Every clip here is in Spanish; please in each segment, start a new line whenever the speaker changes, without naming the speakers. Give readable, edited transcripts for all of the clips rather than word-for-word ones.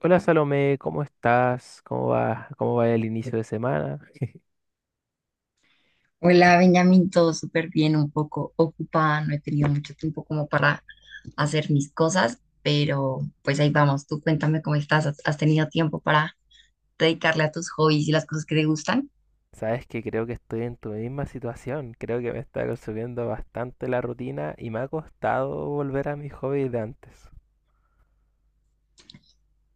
Hola Salomé, ¿cómo estás? ¿Cómo va? ¿Cómo va el inicio de semana?
Hola, Benjamín, todo súper bien, un poco ocupada, no he tenido mucho tiempo como para hacer mis cosas, pero pues ahí vamos, tú cuéntame cómo estás, ¿has tenido tiempo para dedicarle a tus hobbies y las cosas que te gustan?
Sabes que creo que estoy en tu misma situación. Creo que me está consumiendo bastante la rutina y me ha costado volver a mis hobbies de antes.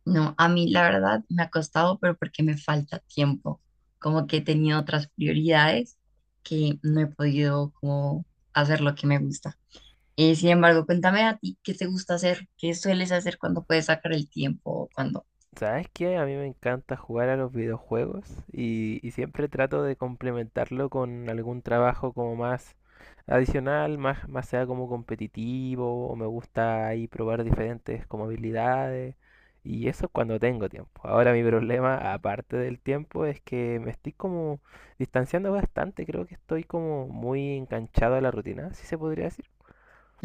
No, a mí la verdad me ha costado, pero porque me falta tiempo, como que he tenido otras prioridades que no he podido como hacer lo que me gusta. Sin embargo, cuéntame a ti, ¿qué te gusta hacer? ¿Qué sueles hacer cuando puedes sacar el tiempo? ¿O cuando...?
¿Sabes qué? A mí me encanta jugar a los videojuegos y siempre trato de complementarlo con algún trabajo como más adicional, más sea como competitivo, o me gusta ahí probar diferentes como habilidades y eso cuando tengo tiempo. Ahora mi problema, aparte del tiempo, es que me estoy como distanciando bastante, creo que estoy como muy enganchado a la rutina, si se podría decir.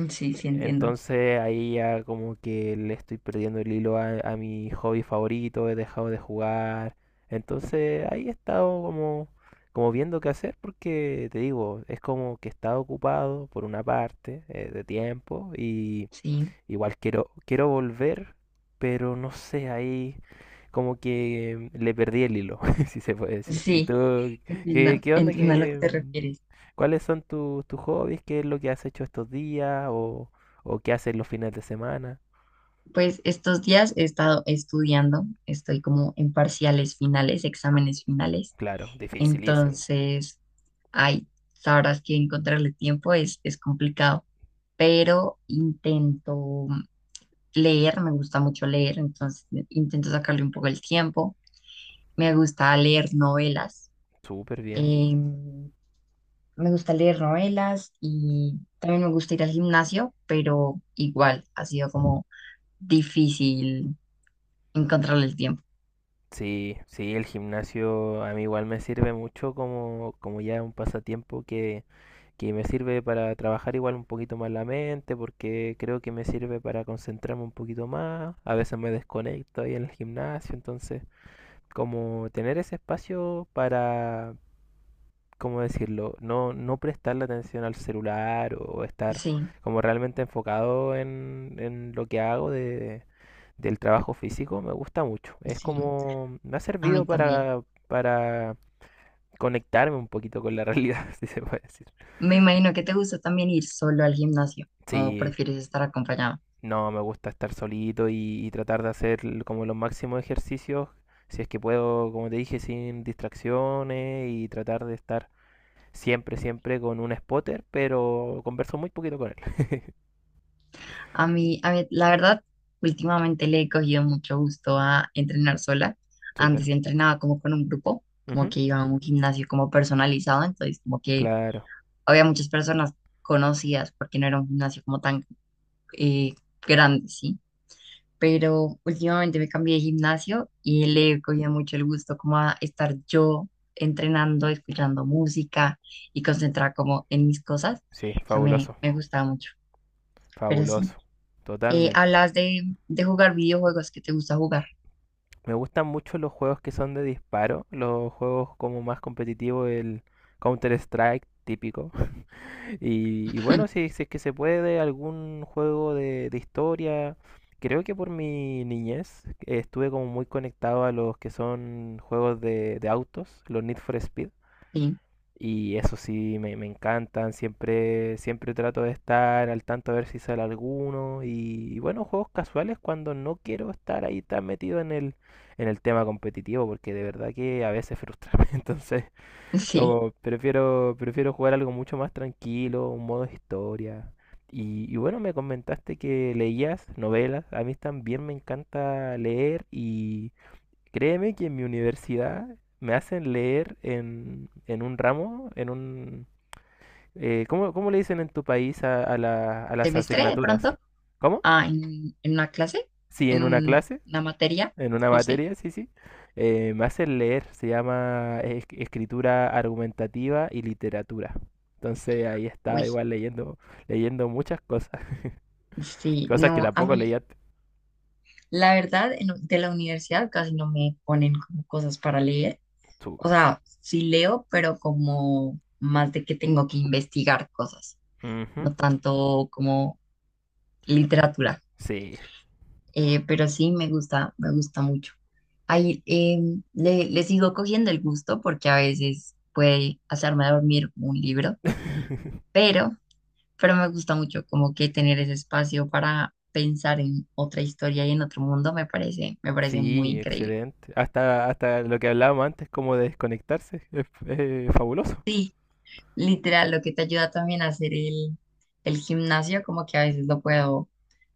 Sí, sí, entiendo,
Entonces ahí ya como que le estoy perdiendo el hilo a mi hobby favorito, he dejado de jugar. Entonces ahí he estado como, como viendo qué hacer porque te digo, es como que he estado ocupado por una parte de tiempo y
sí.
igual quiero, quiero volver, pero no sé, ahí como que le perdí el hilo, si se puede decir. ¿Y
Sí,
tú
entiendo,
qué onda
entiendo a lo que
que...
te refieres.
¿Cuáles son tus hobbies? ¿Qué es lo que has hecho estos días? O qué haces los fines de semana?
Pues estos días he estado estudiando, estoy como en parciales finales, exámenes finales.
Claro, dificilísimo.
Entonces, ay, sabrás que encontrarle tiempo es complicado, pero intento leer, me gusta mucho leer, entonces intento sacarle un poco el tiempo. Me gusta leer novelas,
Súper bien.
em, me gusta leer novelas y también me gusta ir al gimnasio, pero igual ha sido como difícil encontrarle el tiempo.
Sí, sí, el gimnasio a mí igual me sirve mucho como, como ya un pasatiempo que me sirve para trabajar igual un poquito más la mente, porque creo que me sirve para concentrarme un poquito más. A veces me desconecto ahí en el gimnasio, entonces como tener ese espacio para, ¿cómo decirlo? No, no prestarle atención al celular o estar
Sí,
como realmente enfocado en lo que hago de, del trabajo físico, me gusta mucho. Es
sí,
como, me ha
a
servido
mí también.
para conectarme un poquito con la realidad, si se puede decir.
Me imagino que te gusta también ir solo al gimnasio o
Sí,
prefieres estar acompañado.
no, me gusta estar solito y tratar de hacer como los máximos ejercicios, si es que puedo, como te dije, sin distracciones y tratar de estar siempre, siempre con un spotter, pero converso muy poquito con él.
A mí, la verdad, últimamente le he cogido mucho gusto a entrenar sola.
Súper.
Antes entrenaba como con un grupo, como
Ujú.
que iba a un gimnasio como personalizado, entonces como que
Claro.
había muchas personas conocidas porque no era un gimnasio como tan eh, grande, ¿sí? Pero últimamente me cambié de gimnasio y le cogía mucho el gusto como a estar yo entrenando, escuchando música y concentrada como en mis cosas.
Sí,
Eso me,
fabuloso,
me gustaba mucho. Pero sí,
fabuloso, totalmente.
hablas de jugar videojuegos que te gusta jugar.
Me gustan mucho los juegos que son de disparo, los juegos como más competitivos, el Counter-Strike típico. Y, y bueno, si, si es que se puede, algún juego de historia. Creo que por mi niñez estuve como muy conectado a los que son juegos de autos, los Need for Speed.
Sí,
Y eso sí, me encantan. Siempre, siempre trato de estar al tanto a ver si sale alguno. Y bueno, juegos casuales cuando no quiero estar ahí tan metido en en el tema competitivo, porque de verdad que a veces frustra. Entonces,
sí.
como prefiero, prefiero jugar algo mucho más tranquilo, un modo historia. Y bueno, me comentaste que leías novelas. A mí también me encanta leer. Créeme que en mi universidad me hacen leer en un ramo, en un... ¿cómo, cómo le dicen en tu país a a las
¿Semestre de
asignaturas?
pronto?
¿Cómo?
Ah, en una clase,
Sí, en una clase,
una materia,
en una
no sé.
materia, sí, sí. Me hacen leer, se llama escritura argumentativa y literatura. Entonces ahí estaba
Uy,
igual leyendo, leyendo muchas cosas,
sí,
cosas que
no, a
tampoco
mí,
leía antes.
la verdad, de la universidad casi no me ponen como cosas para leer. O
Súper.
sea, sí leo, pero como más de que tengo que investigar cosas,
Ujú.
no tanto como literatura.
Sí.
Pero sí me gusta mucho. Ahí le, le sigo cogiendo el gusto porque a veces puede hacerme dormir un libro, pero, pero me gusta mucho como que tener ese espacio para pensar en otra historia y en otro mundo me parece muy
Sí,
increíble.
excelente. Hasta, hasta lo que hablábamos antes, como de desconectarse, es fabuloso.
Sí, literal, lo que te ayuda también a hacer el gimnasio, como que a veces lo puedo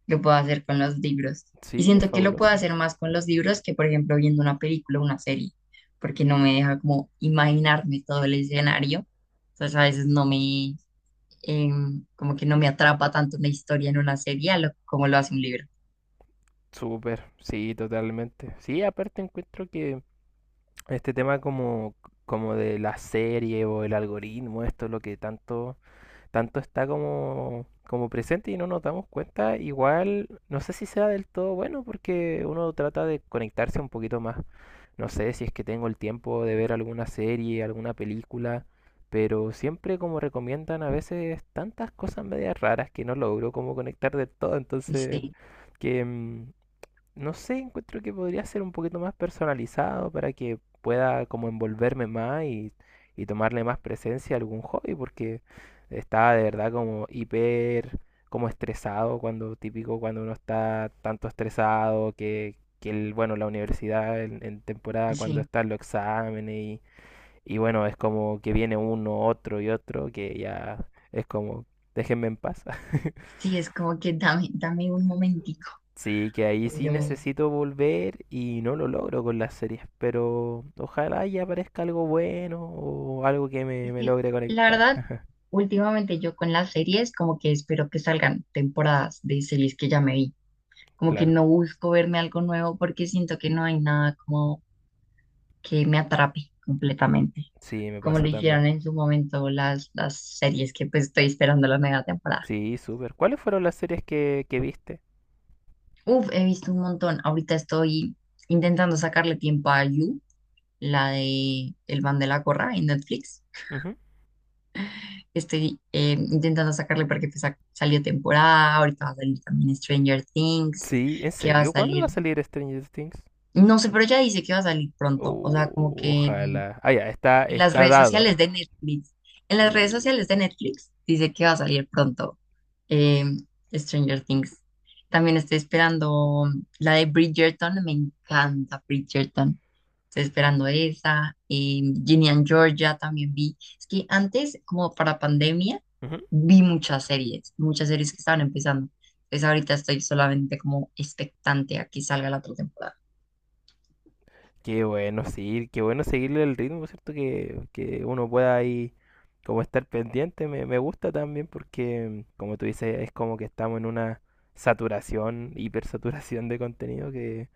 que puedo hacer con los libros. Y
Sí, es
siento que lo puedo
fabuloso.
hacer más con los libros que, por ejemplo, viendo una película o una serie, porque no me deja como imaginarme todo el escenario. Entonces a veces no me, como que no me atrapa tanto una historia en una serie como lo hace un libro.
Súper, sí, totalmente. Sí, aparte encuentro que este tema como, como de la serie o el algoritmo, esto es lo que tanto, tanto está como, como presente y no nos damos cuenta, igual no sé si sea del todo bueno porque uno trata de conectarse un poquito más. No sé si es que tengo el tiempo de ver alguna serie, alguna película, pero siempre como recomiendan a veces tantas cosas medias raras que no logro como conectar del todo, entonces
Sí,
que mm, no sé, encuentro que podría ser un poquito más personalizado para que pueda como envolverme más y tomarle más presencia a algún hobby, porque estaba de verdad como hiper, como estresado, cuando típico cuando uno está tanto estresado que el, bueno, la universidad en temporada cuando
sí,
están los exámenes y bueno, es como que viene uno, otro y otro, que ya es como, déjenme en paz.
sí, es como que dame, dame un momentico,
Sí, que ahí sí
pero
necesito volver y no lo logro con las series, pero ojalá y aparezca algo bueno o algo que me,
es
me
que,
logre
la
conectar.
verdad, últimamente yo con las series como que espero que salgan temporadas de series que ya me vi. Como que
Claro,
no busco verme algo nuevo porque siento que no hay nada como que me atrape completamente,
sí, me
como
pasa
lo
también.
hicieron en su momento las series que pues estoy esperando la mega temporada.
Sí, súper. ¿Cuáles fueron las series que viste?
Uf, he visto un montón. Ahorita estoy intentando sacarle tiempo a You, la de El Van de la Corra en Netflix.
Ujú.
Estoy intentando sacarle porque pues, salió temporada, ahorita va a salir también Stranger Things,
Sí, ¿en
que va a
serio? ¿Cuándo va a
salir,
salir Stranger Things?
no sé, pero ya dice que va a salir pronto, o sea, como
Oh,
que
ojalá. Ah, ya, está,
en las
está
redes
dado.
sociales de Netflix. En
Uh.
las redes sociales de Netflix dice que va a salir pronto eh, Stranger Things. También estoy esperando la de Bridgerton. Me encanta Bridgerton. Estoy esperando esa. Ginny and Georgia también vi. Es que antes, como para pandemia,
Ujú.
vi muchas series que estaban empezando. Entonces ahorita estoy solamente como expectante a que salga la otra temporada.
Qué bueno, sí, qué bueno seguirle el ritmo, ¿cierto? Que uno pueda ahí como estar pendiente me, me gusta también porque, como tú dices, es como que estamos en una saturación, hipersaturación de contenido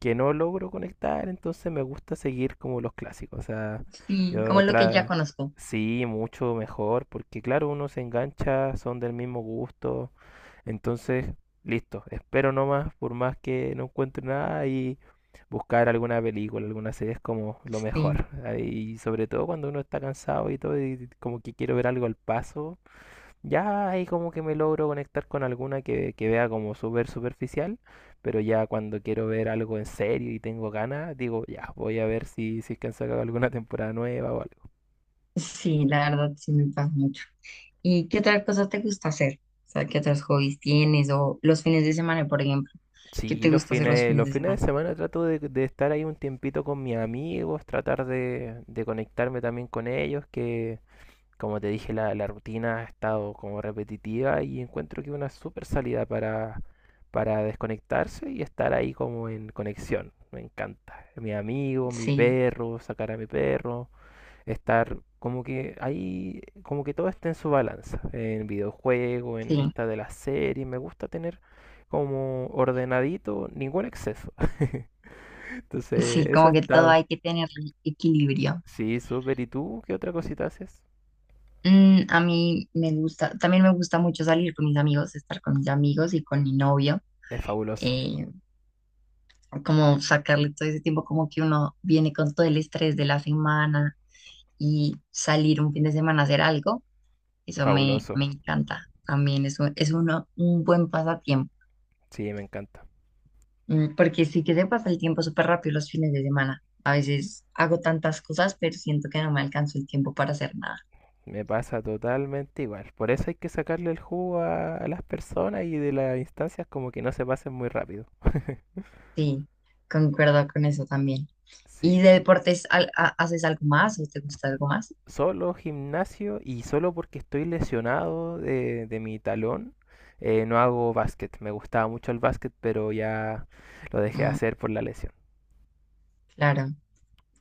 que no logro conectar, entonces me gusta seguir como los clásicos. O sea,
Sí, como
yo
lo que ya
tra
conozco.
sí, mucho mejor, porque claro, uno se engancha, son del mismo gusto, entonces, listo, espero nomás, por más que no encuentre nada y buscar alguna película, alguna serie es como lo
Sí,
mejor. Ah, y sobre todo cuando uno está cansado y todo, y como que quiero ver algo al paso, ya ahí como que me logro conectar con alguna que vea como súper superficial, pero ya cuando quiero ver algo en serio y tengo ganas, digo, ya, voy a ver si, si es que han sacado alguna temporada nueva o algo.
sí, la verdad sí me pasa mucho. ¿Y qué otra cosa te gusta hacer? O sea, ¿qué otros hobbies tienes? O los fines de semana, por ejemplo. ¿Qué
Sí,
te gusta hacer los fines
los
de
fines
semana?
de semana trato de estar ahí un tiempito con mis amigos, tratar de conectarme también con ellos, que como te dije, la rutina ha estado como repetitiva y encuentro que una super salida para desconectarse y estar ahí como en conexión. Me encanta. Mi amigo, mi
Sí,
perro, sacar a mi perro, estar como que ahí, como que todo esté en su balanza, en videojuego, en
sí,
esta de la serie, me gusta tener como ordenadito, ningún exceso. Entonces,
sí,
eso
como
he
que todo
estado.
hay que tener equilibrio.
Sí, súper. ¿Y tú qué otra cosita haces?
Mm, a mí me gusta, también me gusta mucho salir con mis amigos, estar con mis amigos y con mi novio.
Es fabuloso,
eh, Como sacarle todo ese tiempo, como que uno viene con todo el estrés de la semana y salir un fin de semana a hacer algo, eso me,
fabuloso.
me encanta también, es un, es uno, un buen pasatiempo.
Sí, me encanta.
Mm, porque sí que se pasa el tiempo súper rápido los fines de semana. A veces hago tantas cosas, pero siento que no me alcanzo el tiempo para hacer nada.
Me pasa totalmente igual. Por eso hay que sacarle el jugo a las personas y de las instancias como que no se pasen muy rápido.
Sí, concuerdo con eso también. ¿Y de
Sí.
deportes haces algo más o te gusta algo más?
Solo gimnasio y solo porque estoy lesionado de mi talón, no hago básquet. Me gustaba mucho el básquet, pero ya lo dejé de
Mm,
hacer por la lesión.
claro.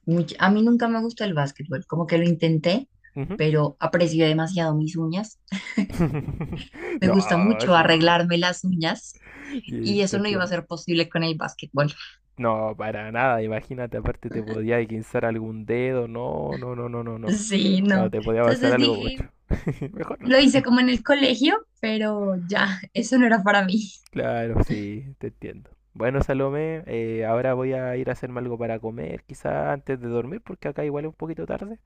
A mí nunca me gustó el básquetbol, como que lo intenté,
Ujú.
pero aprecié demasiado mis uñas. Me
No,
gusta mucho
sí, sí,
arreglarme las uñas
y
y
te
eso no iba a
entiendo.
ser posible con el básquetbol.
No, para nada, imagínate, aparte te podía guinzar algún dedo, no, no, no, no, no, no.
Sí,
No,
no.
te podía pasar
Entonces
algo mucho.
dije,
Mejor no.
lo hice como en el colegio, pero ya, eso no era para mí.
Claro, sí, te entiendo. Bueno, Salomé, ahora voy a ir a hacerme algo para comer, quizá antes de dormir, porque acá igual es un poquito tarde.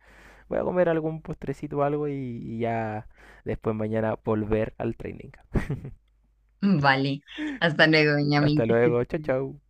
Voy a comer algún postrecito o algo y ya después mañana volver al training.
Vale, hasta luego, Benjamín,
Hasta
que estés
luego, chao,
bien.
chao.